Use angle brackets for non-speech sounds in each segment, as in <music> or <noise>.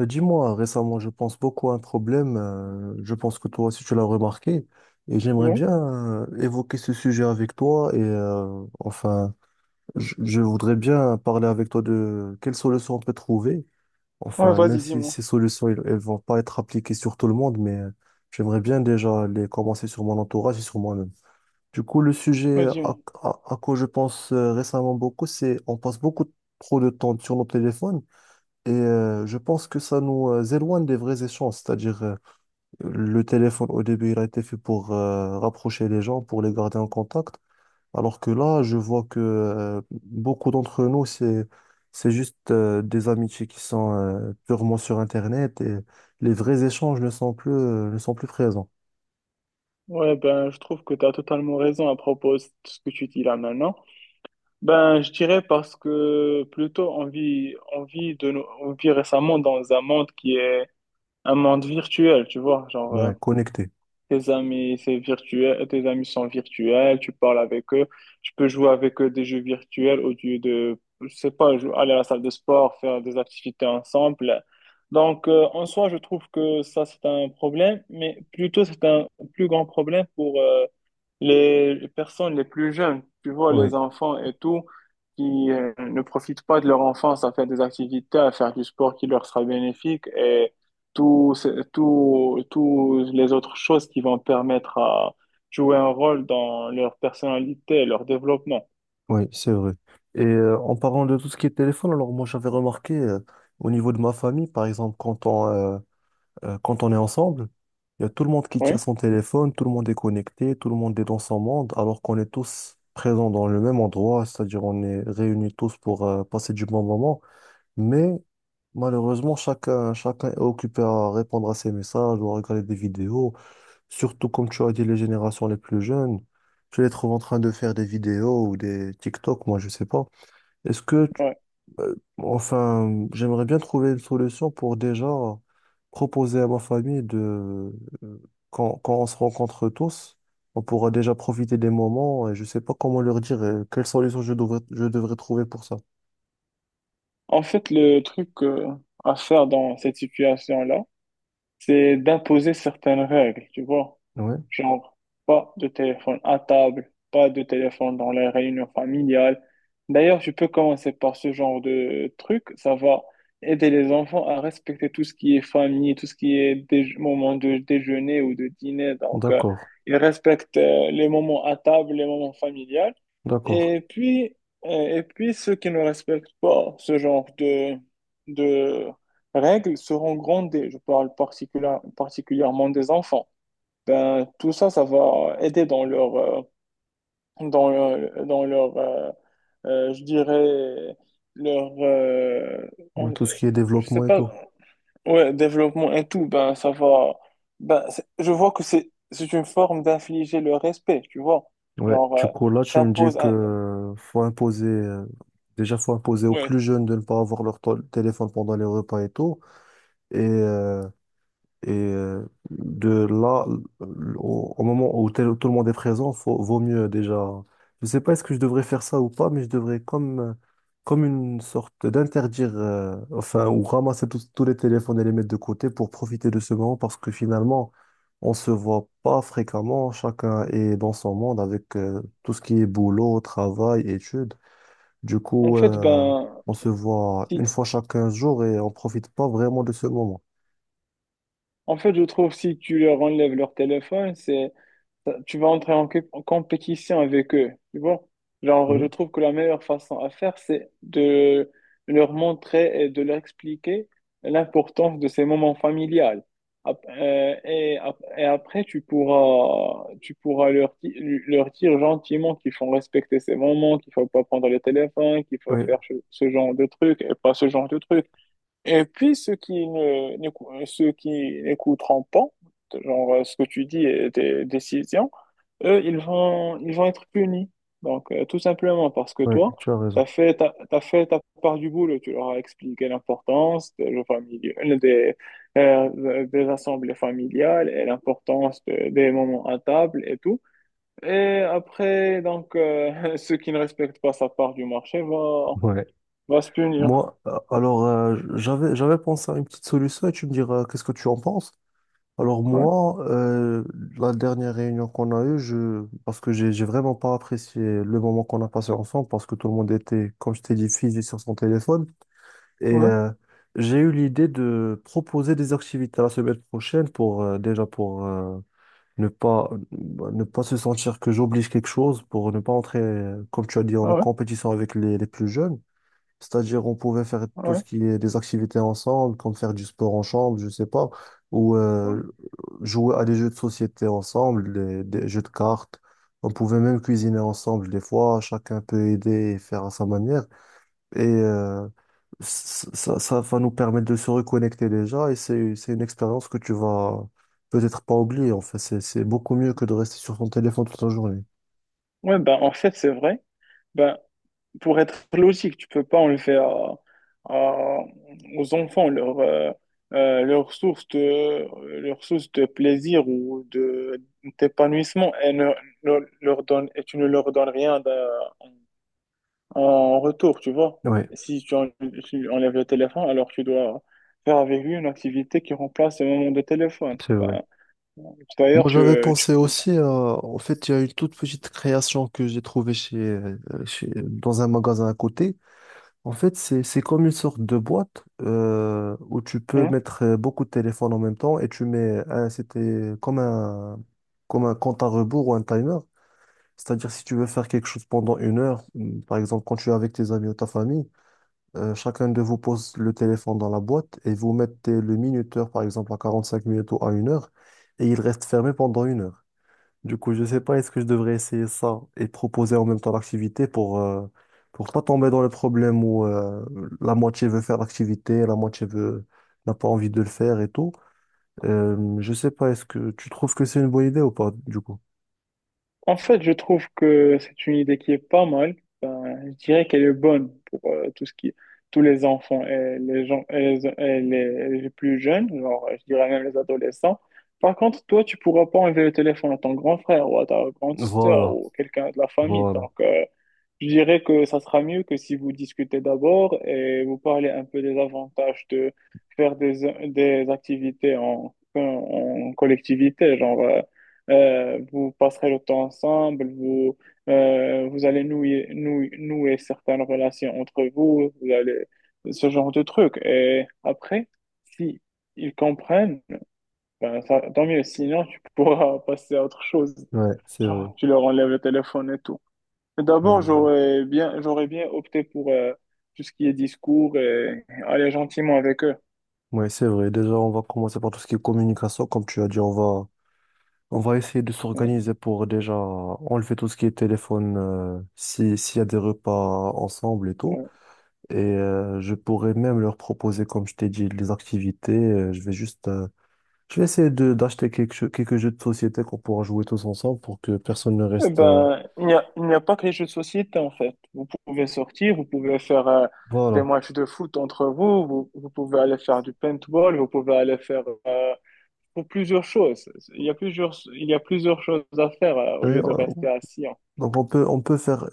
Dis-moi, récemment, je pense beaucoup à un problème. Je pense que toi aussi, tu l'as remarqué. Et j'aimerais Ouais. bien évoquer ce sujet avec toi. Et enfin, je voudrais bien parler avec toi de quelles solutions on peut trouver. Ouais, Enfin, même vas-y, si dis-moi. ces solutions, elles, elles vont pas être appliquées sur tout le monde, mais j'aimerais bien déjà les commencer sur mon entourage et sur moi-même. Du coup, le sujet Ouais, dis-moi. à quoi je pense récemment beaucoup, c'est on passe beaucoup trop de temps sur nos téléphones. Et je pense que ça nous éloigne des vrais échanges, c'est-à-dire le téléphone au début il a été fait pour rapprocher les gens, pour les garder en contact, alors que là je vois que beaucoup d'entre nous, c'est juste des amitiés qui sont purement sur Internet, et les vrais échanges ne sont plus présents, Ouais, ben, je trouve que tu as totalement raison à propos de ce que tu dis là maintenant. Ben, je dirais parce que plutôt on vit récemment dans un monde qui est un monde virtuel, tu vois. Ouais, connectés. Tes amis, c'est virtuel, tes amis sont virtuels, tu parles avec eux, tu peux jouer avec eux des jeux virtuels au lieu de, je sais pas, aller à la salle de sport, faire des activités ensemble. Donc, en soi, je trouve que ça, c'est un problème, mais plutôt, c'est un plus grand problème pour les personnes les plus jeunes, tu vois, Oui, les enfants et tout, qui ne profitent pas de leur enfance à faire des activités, à faire du sport qui leur sera bénéfique et tous ce- tous tous les autres choses qui vont permettre à jouer un rôle dans leur personnalité et leur développement. oui, c'est vrai. Et en parlant de tout ce qui est téléphone, alors moi j'avais remarqué au niveau de ma famille, par exemple quand on est ensemble, il y a tout le monde qui tient Oui, son téléphone, tout le monde est connecté, tout le monde est dans son monde, alors qu'on est tous présents dans le même endroit, c'est-à-dire on est réunis tous pour passer du bon moment. Mais malheureusement, chacun, chacun est occupé à répondre à ses messages ou à regarder des vidéos, surtout comme tu as dit, les générations les plus jeunes. Tu les trouves en train de faire des vidéos ou des TikTok, moi je sais pas. Est-ce que ouais. Enfin, j'aimerais bien trouver une solution pour déjà proposer à ma famille de, euh, quand on se rencontre tous, on pourra déjà profiter des moments, et je sais pas comment leur dire quelle solution je devrais trouver pour ça. En fait, le truc à faire dans cette situation-là, c'est d'imposer certaines règles, tu vois. Ouais, Genre, pas de téléphone à table, pas de téléphone dans les réunions familiales. D'ailleurs, tu peux commencer par ce genre de truc. Ça va aider les enfants à respecter tout ce qui est famille, tout ce qui est moment de déjeuner ou de dîner. Donc, d'accord, ils respectent les moments à table, les moments familiales. d'accord. Et puis, et puis, ceux qui ne respectent pas ce genre de règles seront grondés. Je parle particulièrement des enfants. Ben, tout ça, ça va aider dans leur, dans leur, dans leur je dirais, leur, Ouais, en- tout ce qui est je sais développement et pas, tout. ouais, développement et tout, ben, ça va, ben, je vois que c'est une forme d'infliger le respect, tu vois, Ouais, genre, du coup là tu me dis t'imposes un, que faut imposer, déjà faut imposer aux ouais, plus jeunes de ne pas avoir leur téléphone pendant les repas et tout, et Et euh, de là, au moment où tout le monde est présent, faut, vaut mieux déjà. Je sais pas est-ce que je devrais faire ça ou pas, mais je devrais comme une sorte d'interdire, enfin, ou ramasser tous les téléphones et les mettre de côté pour profiter de ce moment, parce que finalement, on se voit pas fréquemment. Chacun est dans son monde avec tout ce qui est boulot, travail, études. Du en coup, fait, ben, on se voit si, une fois chaque 15 jours et on profite pas vraiment de ce moment. en fait, je trouve si tu leur enlèves leur téléphone, tu vas entrer en en compétition avec eux, tu vois. Genre, Oui, je trouve que la meilleure façon à faire, c'est de leur montrer et de leur expliquer l'importance de ces moments familiales. Et après, tu pourras leur dire gentiment qu'il faut respecter ces moments, qu'il faut pas prendre le téléphone, qu'il faut oui. faire ce genre de trucs et pas ce genre de trucs. Et puis, ceux qui n'écouteront pas, genre ce que tu dis, tes décisions, eux, ils vont être punis. Donc, tout simplement parce que Ouais, toi, tu as raison. T'as fait ta part du boulot. Tu leur as expliqué l'importance des jeux familiaux, des assemblées familiales et des moments à table et tout. Et après, donc, <laughs> ceux qui ne respectent pas sa part du marché vont, Ouais. vont se punir. Moi, alors, j'avais pensé à une petite solution, et tu me diras qu'est-ce que tu en penses. Alors, Ouais, moi, la dernière réunion qu'on a eue, parce que j'ai vraiment pas apprécié le moment qu'on a passé ensemble, parce que tout le monde était, comme je t'ai dit, figé sur son téléphone. Et ouais, euh, j'ai eu l'idée de proposer des activités la semaine prochaine pour, déjà, pour ne pas, ne pas se sentir que j'oblige quelque chose, pour ne pas entrer, comme tu as dit, en ouais, compétition avec les plus jeunes. C'est-à-dire, on pouvait faire tout ouais. ce qui est des activités ensemble, comme faire du sport en chambre, je sais pas, ou Ouais. jouer à des jeux de société ensemble, des jeux de cartes. On pouvait même cuisiner ensemble des fois, chacun peut aider et faire à sa manière. Et euh, ça va nous permettre de se reconnecter déjà, et c'est une expérience que tu vas peut-être pas oublier. En fait, c'est beaucoup mieux que de rester sur ton téléphone toute la journée. Ouais, ben, en fait, c'est vrai. Ben, pour être logique, tu peux pas enlever à- aux enfants leur leur source de plaisir ou de d'épanouissement et ne leur donne, et tu ne leur donnes rien en retour, tu vois. Oui, Si tu, en- Si tu enlèves le téléphone, alors tu dois faire avec lui une activité qui remplace le moment de téléphone. c'est vrai. Ben, d'ailleurs, Moi, tu, j'avais tu pensé peux... aussi à... En fait, il y a une toute petite création que j'ai trouvée dans un magasin à côté. En fait, c'est comme une sorte de boîte où tu peux Hein. mettre beaucoup de téléphones en même temps, et c'était comme un compte à rebours ou un timer. C'est-à-dire, si tu veux faire quelque chose pendant une heure, par exemple, quand tu es avec tes amis ou ta famille, chacun de vous pose le téléphone dans la boîte et vous mettez le minuteur, par exemple, à 45 minutes ou à une heure, et il reste fermé pendant une heure. Du coup, je sais pas, est-ce que je devrais essayer ça et proposer en même temps l'activité pour pas tomber dans le problème où la moitié veut faire l'activité, la moitié veut n'a pas envie de le faire et tout. Euh, je sais pas, est-ce que tu trouves que c'est une bonne idée ou pas, du coup? En fait, je trouve que c'est une idée qui est pas mal. Je dirais qu'elle est bonne pour tous les enfants et les gens et les plus jeunes, genre, je dirais même les adolescents. Par contre, toi, tu pourras pas enlever le téléphone à ton grand frère ou à ta grande sœur Voilà, ou quelqu'un de la famille. voilà. Donc, je dirais que ça sera mieux que si vous discutez d'abord et vous parlez un peu des avantages de faire des activités en collectivité. Genre, vous passerez le temps ensemble, vous, vous allez nouer certaines relations entre vous, vous allez, ce genre de trucs. Et après, si ils comprennent, ben ça, tant mieux. Sinon, tu pourras passer à autre chose. Ouais, c'est vrai. Genre, tu leur enlèves le téléphone et tout. Mais- D'abord, euh, j'aurais bien opté pour tout ce qui est discours et aller gentiment avec eux. Ouais, c'est vrai. Déjà, on va commencer par tout ce qui est communication. Comme tu as dit, on va essayer de Ouais, s'organiser pour déjà enlever tout ce qui est téléphone, si, s'il y a des repas ensemble et tout. ouais. Je pourrais même leur proposer, comme je t'ai dit, les activités. Je vais juste, je vais essayer de d'acheter quelques jeux de société qu'on pourra jouer tous ensemble pour que personne ne Eh reste. Ben, il n'y a pas que les jeux de société, en fait. Vous pouvez sortir, vous pouvez faire des Voilà. matchs de foot entre vous, vous pouvez aller faire du paintball, vous pouvez aller faire pour plusieurs choses. Il y a plusieurs choses à faire Et, au lieu de rester assis, hein. donc on peut faire,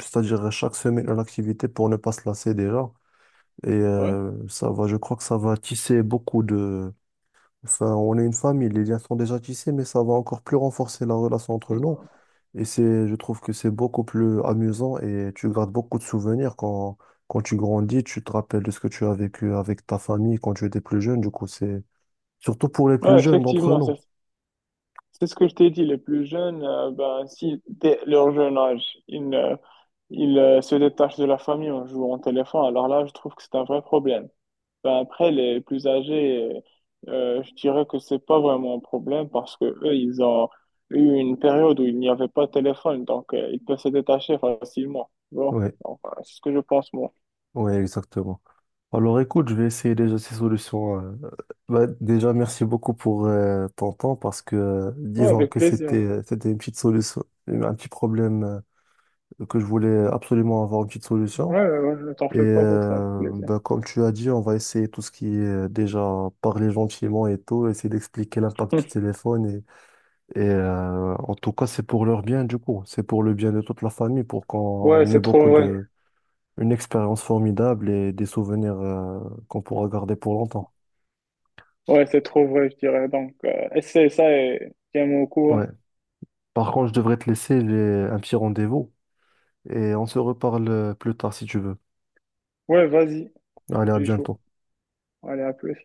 c'est-à-dire chaque semaine une activité pour ne pas se lasser déjà. Ouais. Ça va, je crois que ça va tisser beaucoup de. Enfin, on est une famille, les liens sont déjà tissés, mais ça va encore plus renforcer la relation entre nous. Et je trouve que c'est beaucoup plus amusant et tu gardes beaucoup de souvenirs quand, tu grandis, tu te rappelles de ce que tu as vécu avec ta famille quand tu étais plus jeune. Du coup, c'est surtout pour les plus Ouais, jeunes d'entre effectivement, nous. c'est ce que je t'ai dit. Les plus jeunes, ben, si dès leur jeune âge, ils ne Il se détache de la famille en jouant au téléphone. Alors là, je trouve que c'est un vrai problème. Ben, après, les plus âgés, je dirais que c'est pas vraiment un problème parce que eux, ils ont eu une période où il n'y avait pas de téléphone, donc ils peuvent se détacher facilement. Bon, Oui, enfin, c'est ce que je pense, moi. oui, exactement. Alors écoute, je vais essayer déjà ces solutions. Bah, déjà, merci beaucoup pour ton temps, parce que Ouais, disons avec que c'était, plaisir. c'était une petite solution, un petit problème que je voulais absolument avoir une petite Ouais, solution. ouais, ouais, ne t'en fais pas pour ça, avec plaisir. Bah, comme tu as dit, on va essayer tout ce qui est déjà parler gentiment et tout, essayer d'expliquer l'impact du <laughs> téléphone. En tout cas, c'est pour leur bien du coup, c'est pour le bien de toute la famille, pour Ouais, qu'on ait c'est trop beaucoup vrai. de, une expérience formidable et des souvenirs qu'on pourra garder pour longtemps. Ouais, c'est trop vrai, je dirais. Donc, essaie ça et tiens-moi au Ouais. courant. Par contre, je devrais te laisser, j'ai un petit rendez-vous et on se reparle plus tard si tu veux. Ouais, vas-y, Allez, à je suis chaud. bientôt. Allez, à plus.